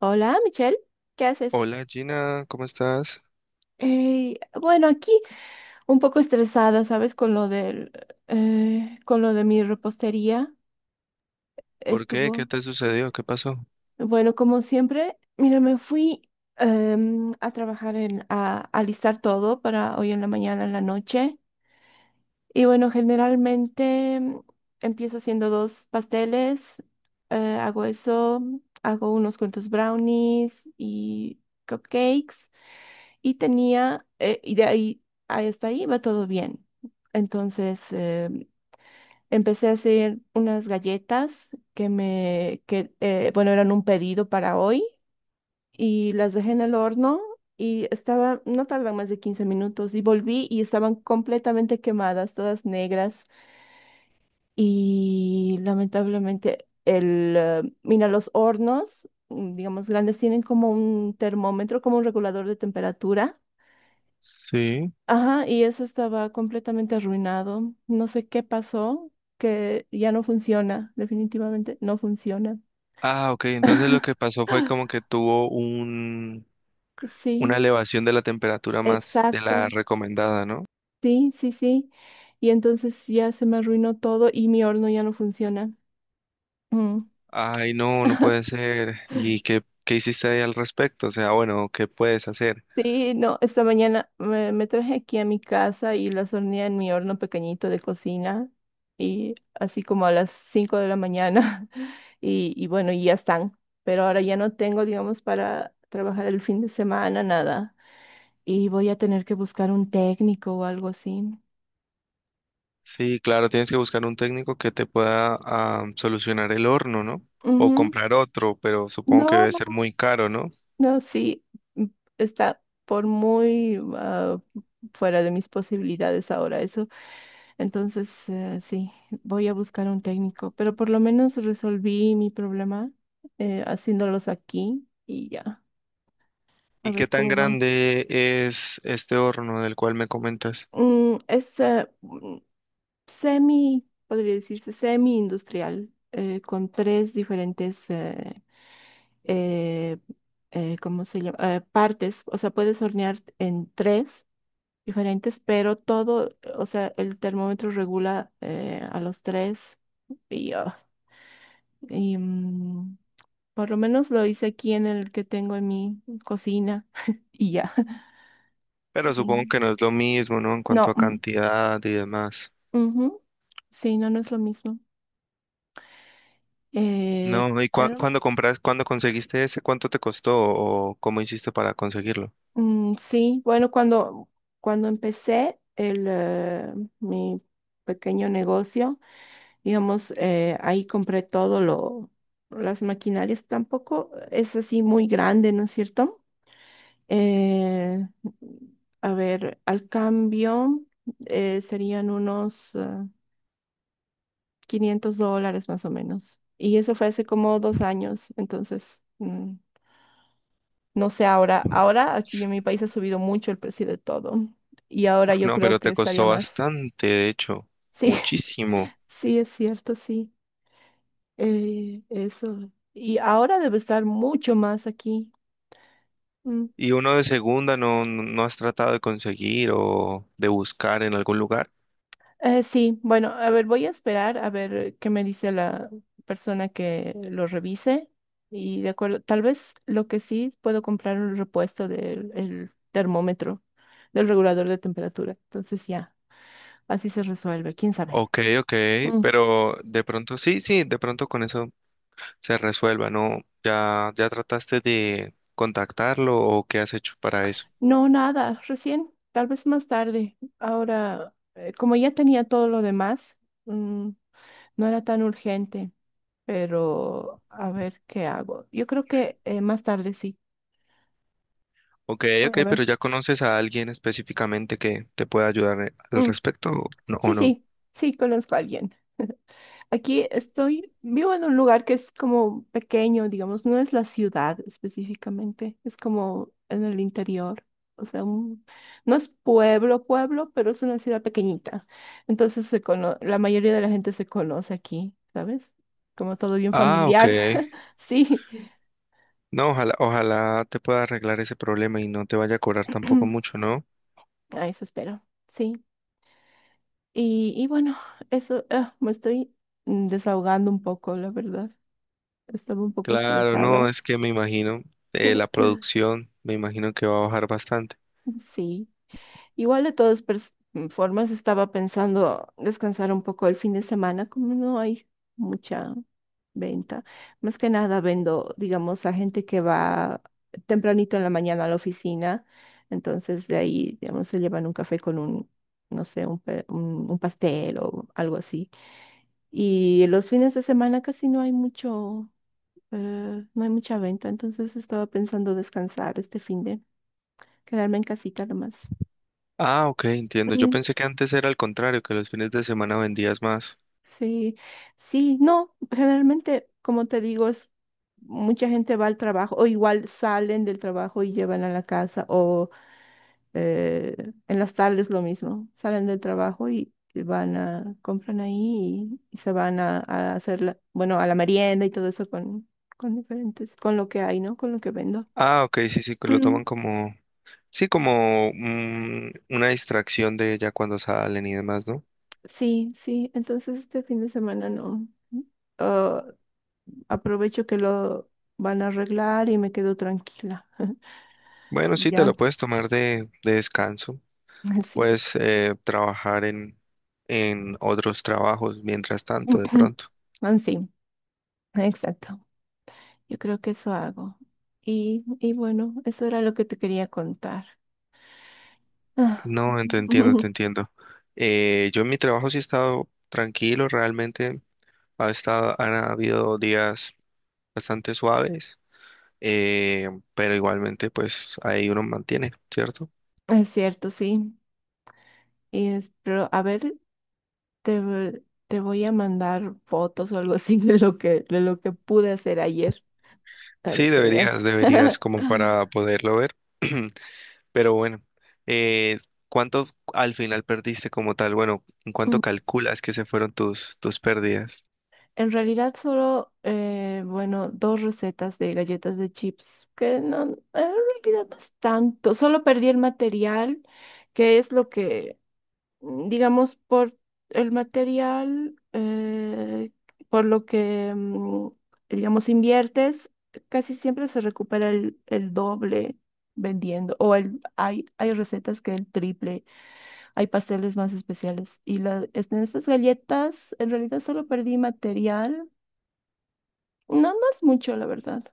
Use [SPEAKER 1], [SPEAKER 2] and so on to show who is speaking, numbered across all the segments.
[SPEAKER 1] Hola, Michelle, ¿qué haces?
[SPEAKER 2] Hola Gina, ¿cómo estás?
[SPEAKER 1] Ey, bueno, aquí un poco estresada, ¿sabes? Con lo del, con lo de mi repostería
[SPEAKER 2] ¿Por qué? ¿Qué
[SPEAKER 1] estuvo,
[SPEAKER 2] te sucedió? ¿Qué pasó?
[SPEAKER 1] bueno, como siempre, mira, me fui a trabajar a alistar todo para hoy en la mañana, en la noche. Y bueno, generalmente empiezo haciendo dos pasteles, hago eso, hago unos cuantos brownies y cupcakes. Y tenía, y de ahí hasta ahí va todo bien. Entonces empecé a hacer unas galletas que bueno, eran un pedido para hoy y las dejé en el horno y estaba, no tardan más de 15 minutos y volví y estaban completamente quemadas, todas negras. Y lamentablemente el, mira, los hornos, digamos, grandes tienen como un termómetro, como un regulador de temperatura.
[SPEAKER 2] Sí.
[SPEAKER 1] Ajá, y eso estaba completamente arruinado. No sé qué pasó, que ya no funciona, definitivamente no funciona.
[SPEAKER 2] Ah, ok, entonces lo que pasó fue como que tuvo un, una
[SPEAKER 1] Sí,
[SPEAKER 2] elevación de la temperatura más de la
[SPEAKER 1] exacto.
[SPEAKER 2] recomendada, ¿no?
[SPEAKER 1] Sí, sí, sí. Y entonces ya se me arruinó todo y mi horno ya no funciona. Mm.
[SPEAKER 2] Ay, no, no puede ser. ¿Y qué hiciste ahí al respecto? O sea, bueno, ¿qué puedes hacer?
[SPEAKER 1] Sí, no, esta mañana me traje aquí a mi casa y las horneé en mi horno pequeñito de cocina y así como a las 5 de la mañana. Y bueno, y ya están. Pero ahora ya no tengo, digamos, para trabajar el fin de semana, nada. Y voy a tener que buscar un técnico o algo así.
[SPEAKER 2] Sí, claro, tienes que buscar un técnico que te pueda solucionar el horno, ¿no? O
[SPEAKER 1] Ujú.
[SPEAKER 2] comprar otro, pero supongo que
[SPEAKER 1] No,
[SPEAKER 2] debe ser muy caro, ¿no?
[SPEAKER 1] no, sí, m- está por muy fuera de mis posibilidades ahora eso. Entonces, sí, voy a buscar un técnico, pero por lo menos resolví mi problema, haciéndolos aquí y ya, a
[SPEAKER 2] ¿Y qué
[SPEAKER 1] ver
[SPEAKER 2] tan
[SPEAKER 1] cómo van.
[SPEAKER 2] grande es este horno del cual me comentas?
[SPEAKER 1] Es semi, podría decirse semi-industrial, con tres diferentes, eh, ¿cómo se llama? Partes, o sea, puedes hornear en tres diferentes, pero todo, o sea, el termómetro regula a los tres y, ah, y, mm, por lo menos lo hice aquí en el que tengo en mi cocina y ya.
[SPEAKER 2] Pero supongo que
[SPEAKER 1] Y-
[SPEAKER 2] no es lo mismo, ¿no? En cuanto
[SPEAKER 1] No,
[SPEAKER 2] a cantidad y demás.
[SPEAKER 1] ujú. Sí, no, no es lo mismo. Eh,
[SPEAKER 2] No, ¿y
[SPEAKER 1] pero
[SPEAKER 2] cuándo compras, cuándo conseguiste ese? ¿Cuánto te costó o cómo hiciste para conseguirlo?
[SPEAKER 1] sí, bueno, cuando empecé el, mi pequeño negocio, digamos, ahí compré todo lo, las maquinarias, tampoco es así muy grande, ¿no es cierto? Eh, a ver, al cambio serían unos... $500 más o menos. Y eso fue hace como 2 años, entonces no sé ahora. Ahora aquí en mi país ha subido mucho el precio de todo y
[SPEAKER 2] Uf,
[SPEAKER 1] ahora yo
[SPEAKER 2] no,
[SPEAKER 1] creo
[SPEAKER 2] pero
[SPEAKER 1] que
[SPEAKER 2] te
[SPEAKER 1] estaría
[SPEAKER 2] costó
[SPEAKER 1] más.
[SPEAKER 2] bastante, de hecho,
[SPEAKER 1] Sí,
[SPEAKER 2] muchísimo.
[SPEAKER 1] sí, es cierto, sí. Eso. Y ahora debe estar mucho más aquí. Mm.
[SPEAKER 2] ¿Y uno de segunda no, no has tratado de conseguir o de buscar en algún lugar?
[SPEAKER 1] Sí, bueno, a ver, voy a esperar a ver qué me dice la persona que lo revise. Y de acuerdo, tal vez lo que sí puedo comprar un repuesto del el termómetro, del regulador de temperatura. Entonces ya, así se resuelve, quién sabe.
[SPEAKER 2] Ok, ok,
[SPEAKER 1] Mm.
[SPEAKER 2] pero de pronto, sí, sí, de pronto con eso se resuelva, ¿no? ¿Ya, ya trataste de contactarlo o qué has hecho para eso?
[SPEAKER 1] No, nada, recién, tal vez más tarde. Ahora, como ya tenía todo lo demás, mm, no era tan urgente, pero a ver qué hago. Yo creo que más tarde sí,
[SPEAKER 2] Ok,
[SPEAKER 1] voy
[SPEAKER 2] ok,
[SPEAKER 1] a ver.
[SPEAKER 2] pero ¿ya conoces a alguien específicamente que te pueda ayudar al
[SPEAKER 1] Mm.
[SPEAKER 2] respecto o no?
[SPEAKER 1] Sí, sí, sí, conozco a alguien. Aquí estoy, vivo en un lugar que es como pequeño, digamos, no es la ciudad específicamente, es como en el interior. O sea, no es pueblo, pueblo, pero es una ciudad pequeñita. Entonces la mayoría de la gente se conoce aquí, ¿sabes? Como todo bien
[SPEAKER 2] Ah, ok.
[SPEAKER 1] familiar. Sí,
[SPEAKER 2] No, ojalá, ojalá te pueda arreglar ese problema y no te vaya a cobrar tampoco mucho, ¿no?
[SPEAKER 1] a eso espero. Sí. Y bueno, eso, me estoy desahogando un poco, la verdad. Estaba un poco
[SPEAKER 2] Claro, no,
[SPEAKER 1] estresada.
[SPEAKER 2] es que me imagino, la producción, me imagino que va a bajar bastante.
[SPEAKER 1] Sí, igual de todas formas estaba pensando descansar un poco el fin de semana, como no hay mucha venta. Más que nada vendo, digamos, a gente que va tempranito en la mañana a la oficina, entonces de ahí, digamos, se llevan un café con un, no sé, un pastel o algo así. Y los fines de semana casi no hay mucho, no hay mucha venta, entonces estaba pensando descansar este fin. Quedarme en casita nomás.
[SPEAKER 2] Ah, ok, entiendo. Yo
[SPEAKER 1] Mm.
[SPEAKER 2] pensé que antes era al contrario, que los fines de semana vendías más.
[SPEAKER 1] Sí, sí, no, generalmente, como te digo, es mucha gente va al trabajo o igual salen del trabajo y llevan a la casa o eh, en las tardes lo mismo, salen del trabajo y van a, compran ahí y se van a hacer, bueno, a la merienda y todo eso con diferentes, con lo que hay, ¿no? Con lo que vendo.
[SPEAKER 2] Ah, ok, sí, sí, que lo
[SPEAKER 1] Mm,
[SPEAKER 2] toman sí, como una distracción de ya cuando salen y demás, ¿no?
[SPEAKER 1] sí, sí, entonces este fin de semana no. Ah, aprovecho que lo van a arreglar y me quedo tranquila.
[SPEAKER 2] Bueno,
[SPEAKER 1] Y
[SPEAKER 2] sí, te lo
[SPEAKER 1] ya,
[SPEAKER 2] puedes tomar de descanso.
[SPEAKER 1] así.
[SPEAKER 2] Puedes trabajar en otros trabajos mientras tanto, de pronto.
[SPEAKER 1] Así, exacto. Yo creo que eso hago. Y bueno, eso era lo que te quería contar. Ah.
[SPEAKER 2] No, te entiendo. Yo en mi trabajo sí he estado tranquilo, realmente ha estado, han habido días bastante suaves, eh, pero igualmente pues ahí uno mantiene, ¿cierto?
[SPEAKER 1] Es cierto, sí. Pero a ver, te voy a mandar fotos o algo así de lo que pude hacer ayer para
[SPEAKER 2] Sí,
[SPEAKER 1] que veas.
[SPEAKER 2] deberías como para poderlo ver. Pero bueno, eh, ¿cuánto al final perdiste como tal? Bueno, ¿en cuánto
[SPEAKER 1] Mm.
[SPEAKER 2] calculas que se fueron tus pérdidas?
[SPEAKER 1] En realidad solo, bueno, dos recetas de galletas de chips, que no, en realidad no es tanto, solo perdí el material, que es lo que, digamos, por el material, por lo que, digamos, inviertes, casi siempre se recupera el doble vendiendo, o el, hay recetas que el triple, hay pasteles más especiales, y la, en estas galletas, en realidad solo perdí material no más mucho, la verdad.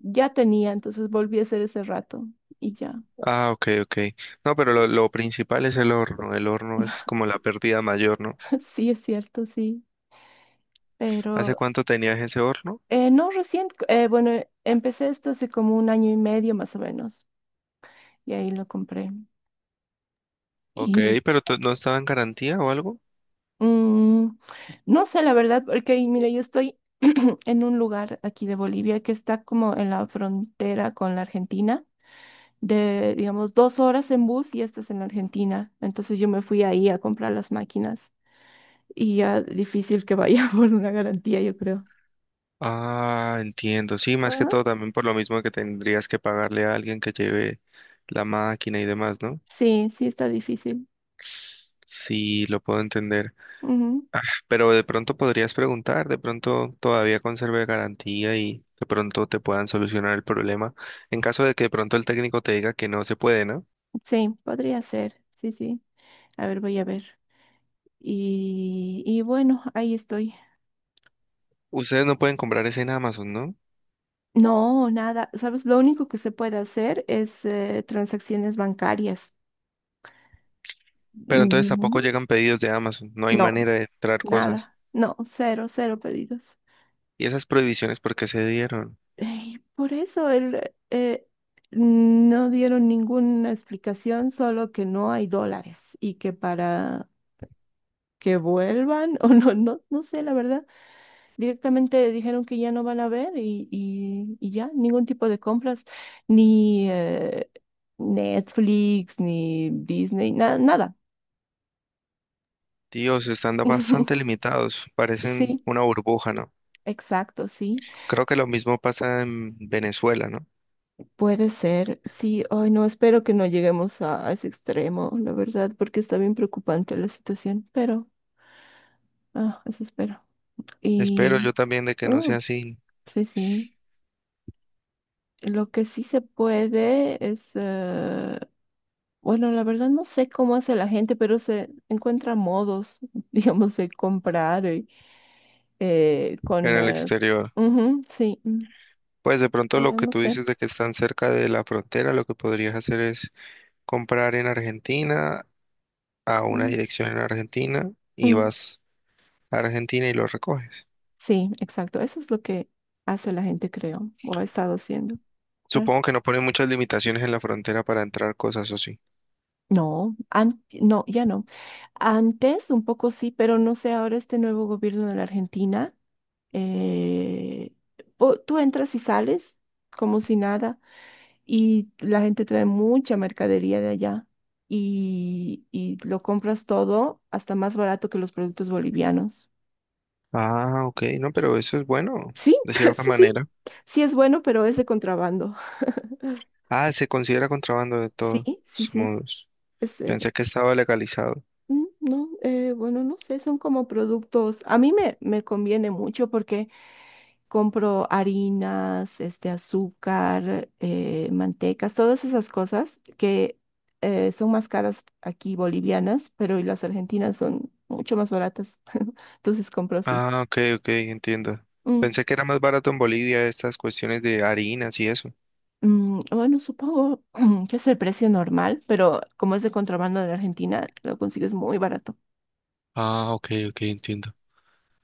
[SPEAKER 1] Ya tenía, entonces volví a hacer ese rato y ya.
[SPEAKER 2] Ah, ok, ok. No, pero lo principal es el horno. El horno es como la
[SPEAKER 1] Sí.
[SPEAKER 2] pérdida mayor, ¿no?
[SPEAKER 1] Sí, es cierto, sí.
[SPEAKER 2] ¿Hace
[SPEAKER 1] Pero
[SPEAKER 2] cuánto tenías ese horno?
[SPEAKER 1] no recién, bueno, empecé esto hace como un año y medio más o menos y ahí lo compré.
[SPEAKER 2] Ok,
[SPEAKER 1] Y
[SPEAKER 2] pero ¿no estaba en garantía o algo?
[SPEAKER 1] mm, no sé, la verdad, porque mira, yo estoy en un lugar aquí de Bolivia que está como en la frontera con la Argentina, de, digamos, 2 horas en bus y esta es en la Argentina. Entonces yo me fui ahí a comprar las máquinas, y ya difícil que vaya por una garantía, yo creo.
[SPEAKER 2] Ah, entiendo. Sí, más que
[SPEAKER 1] Ajá.
[SPEAKER 2] todo también por lo mismo que tendrías que pagarle a alguien que lleve la máquina y demás, ¿no?
[SPEAKER 1] Sí, sí está difícil.
[SPEAKER 2] Sí, lo puedo entender.
[SPEAKER 1] Ujú.
[SPEAKER 2] Pero de pronto podrías preguntar, de pronto todavía conserve garantía y de pronto te puedan solucionar el problema. En caso de que de pronto el técnico te diga que no se puede, ¿no?
[SPEAKER 1] Sí, podría ser. Sí, sí. A ver, voy a ver. Y bueno, ahí estoy.
[SPEAKER 2] Ustedes no pueden comprar ese en Amazon, ¿no?
[SPEAKER 1] No, nada. ¿Sabes? Lo único que se puede hacer es, transacciones bancarias.
[SPEAKER 2] Pero entonces tampoco
[SPEAKER 1] Mm.
[SPEAKER 2] llegan pedidos de Amazon, no hay
[SPEAKER 1] No,
[SPEAKER 2] manera de entrar cosas.
[SPEAKER 1] nada. No, cero, cero pedidos.
[SPEAKER 2] ¿Y esas prohibiciones por qué se dieron?
[SPEAKER 1] Ey, por eso el, no dieron ninguna explicación, solo que no hay dólares y que para que vuelvan o no, no, no sé, la verdad. Directamente dijeron que ya no van a ver y ya, ningún tipo de compras, ni Netflix, ni Disney, nada.
[SPEAKER 2] Dios, están bastante limitados, parecen
[SPEAKER 1] Sí,
[SPEAKER 2] una burbuja, ¿no?
[SPEAKER 1] exacto, sí.
[SPEAKER 2] Creo que lo mismo pasa en Venezuela, ¿no?
[SPEAKER 1] Puede ser, sí. Ay, no, espero que no lleguemos a ese extremo, la verdad, porque está bien preocupante la situación, pero, eso espero.
[SPEAKER 2] Espero yo
[SPEAKER 1] Y,
[SPEAKER 2] también de que no sea
[SPEAKER 1] oh,
[SPEAKER 2] así
[SPEAKER 1] sí, sí. Lo que sí se puede es... bueno, la verdad no sé cómo hace la gente, pero se encuentra modos, digamos, de comprar
[SPEAKER 2] en
[SPEAKER 1] con...
[SPEAKER 2] el exterior.
[SPEAKER 1] ujú, sí,
[SPEAKER 2] Pues de pronto lo
[SPEAKER 1] la
[SPEAKER 2] que
[SPEAKER 1] no
[SPEAKER 2] tú
[SPEAKER 1] sé.
[SPEAKER 2] dices de que están cerca de la frontera, lo que podrías hacer es comprar en Argentina a una
[SPEAKER 1] Mm,
[SPEAKER 2] dirección en Argentina y
[SPEAKER 1] mm,
[SPEAKER 2] vas a Argentina y lo recoges.
[SPEAKER 1] sí, exacto. Eso es lo que hace la gente, creo, o ha estado haciendo. Ah.
[SPEAKER 2] Supongo que no ponen muchas limitaciones en la frontera para entrar cosas o sí.
[SPEAKER 1] No, ya no. Antes un poco sí, pero no sé, ahora este nuevo gobierno de la Argentina, eh, tú entras y sales como si nada. Y la gente trae mucha mercadería de allá y lo compras todo hasta más barato que los productos bolivianos.
[SPEAKER 2] Ah, ok, no, pero eso es bueno,
[SPEAKER 1] Sí,
[SPEAKER 2] de cierta
[SPEAKER 1] sí, sí.
[SPEAKER 2] manera.
[SPEAKER 1] Sí es bueno, pero es de contrabando.
[SPEAKER 2] Ah, se considera contrabando de todos
[SPEAKER 1] Sí, sí, sí.
[SPEAKER 2] modos.
[SPEAKER 1] Es,
[SPEAKER 2] Pensé que estaba legalizado.
[SPEAKER 1] no, bueno, no sé, son como productos. A mí me conviene mucho porque compro harinas, este, azúcar, mantecas, todas esas cosas que son más caras aquí bolivianas, pero y las argentinas son mucho más baratas. Entonces compro así.
[SPEAKER 2] Ah, ok, ok, entiendo.
[SPEAKER 1] Mm,
[SPEAKER 2] Pensé que era más barato en Bolivia estas cuestiones de harinas y eso.
[SPEAKER 1] bueno, supongo que es el precio normal, pero como es de contrabando de Argentina, lo consigues muy barato.
[SPEAKER 2] Ah, ok, ok, entiendo.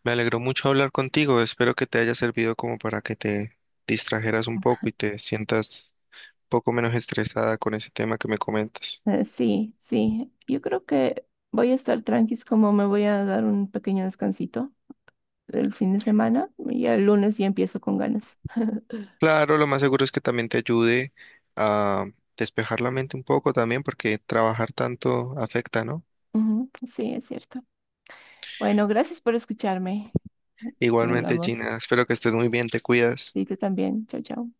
[SPEAKER 2] Me alegró mucho hablar contigo. Espero que te haya servido como para que te distrajeras un poco y te sientas un poco menos estresada con ese tema que me comentas.
[SPEAKER 1] Sí, sí. Yo creo que voy a estar tranquis como me voy a dar un pequeño descansito el fin de semana y el lunes ya empiezo con ganas.
[SPEAKER 2] Claro, lo más seguro es que también te ayude a despejar la mente un poco también, porque trabajar tanto afecta, ¿no?
[SPEAKER 1] Ujú, sí, es cierto. Bueno, gracias por escucharme. Y
[SPEAKER 2] Igualmente,
[SPEAKER 1] hablamos.
[SPEAKER 2] Gina, espero que estés muy bien, te cuidas.
[SPEAKER 1] Sí, tú también. Chao, chao.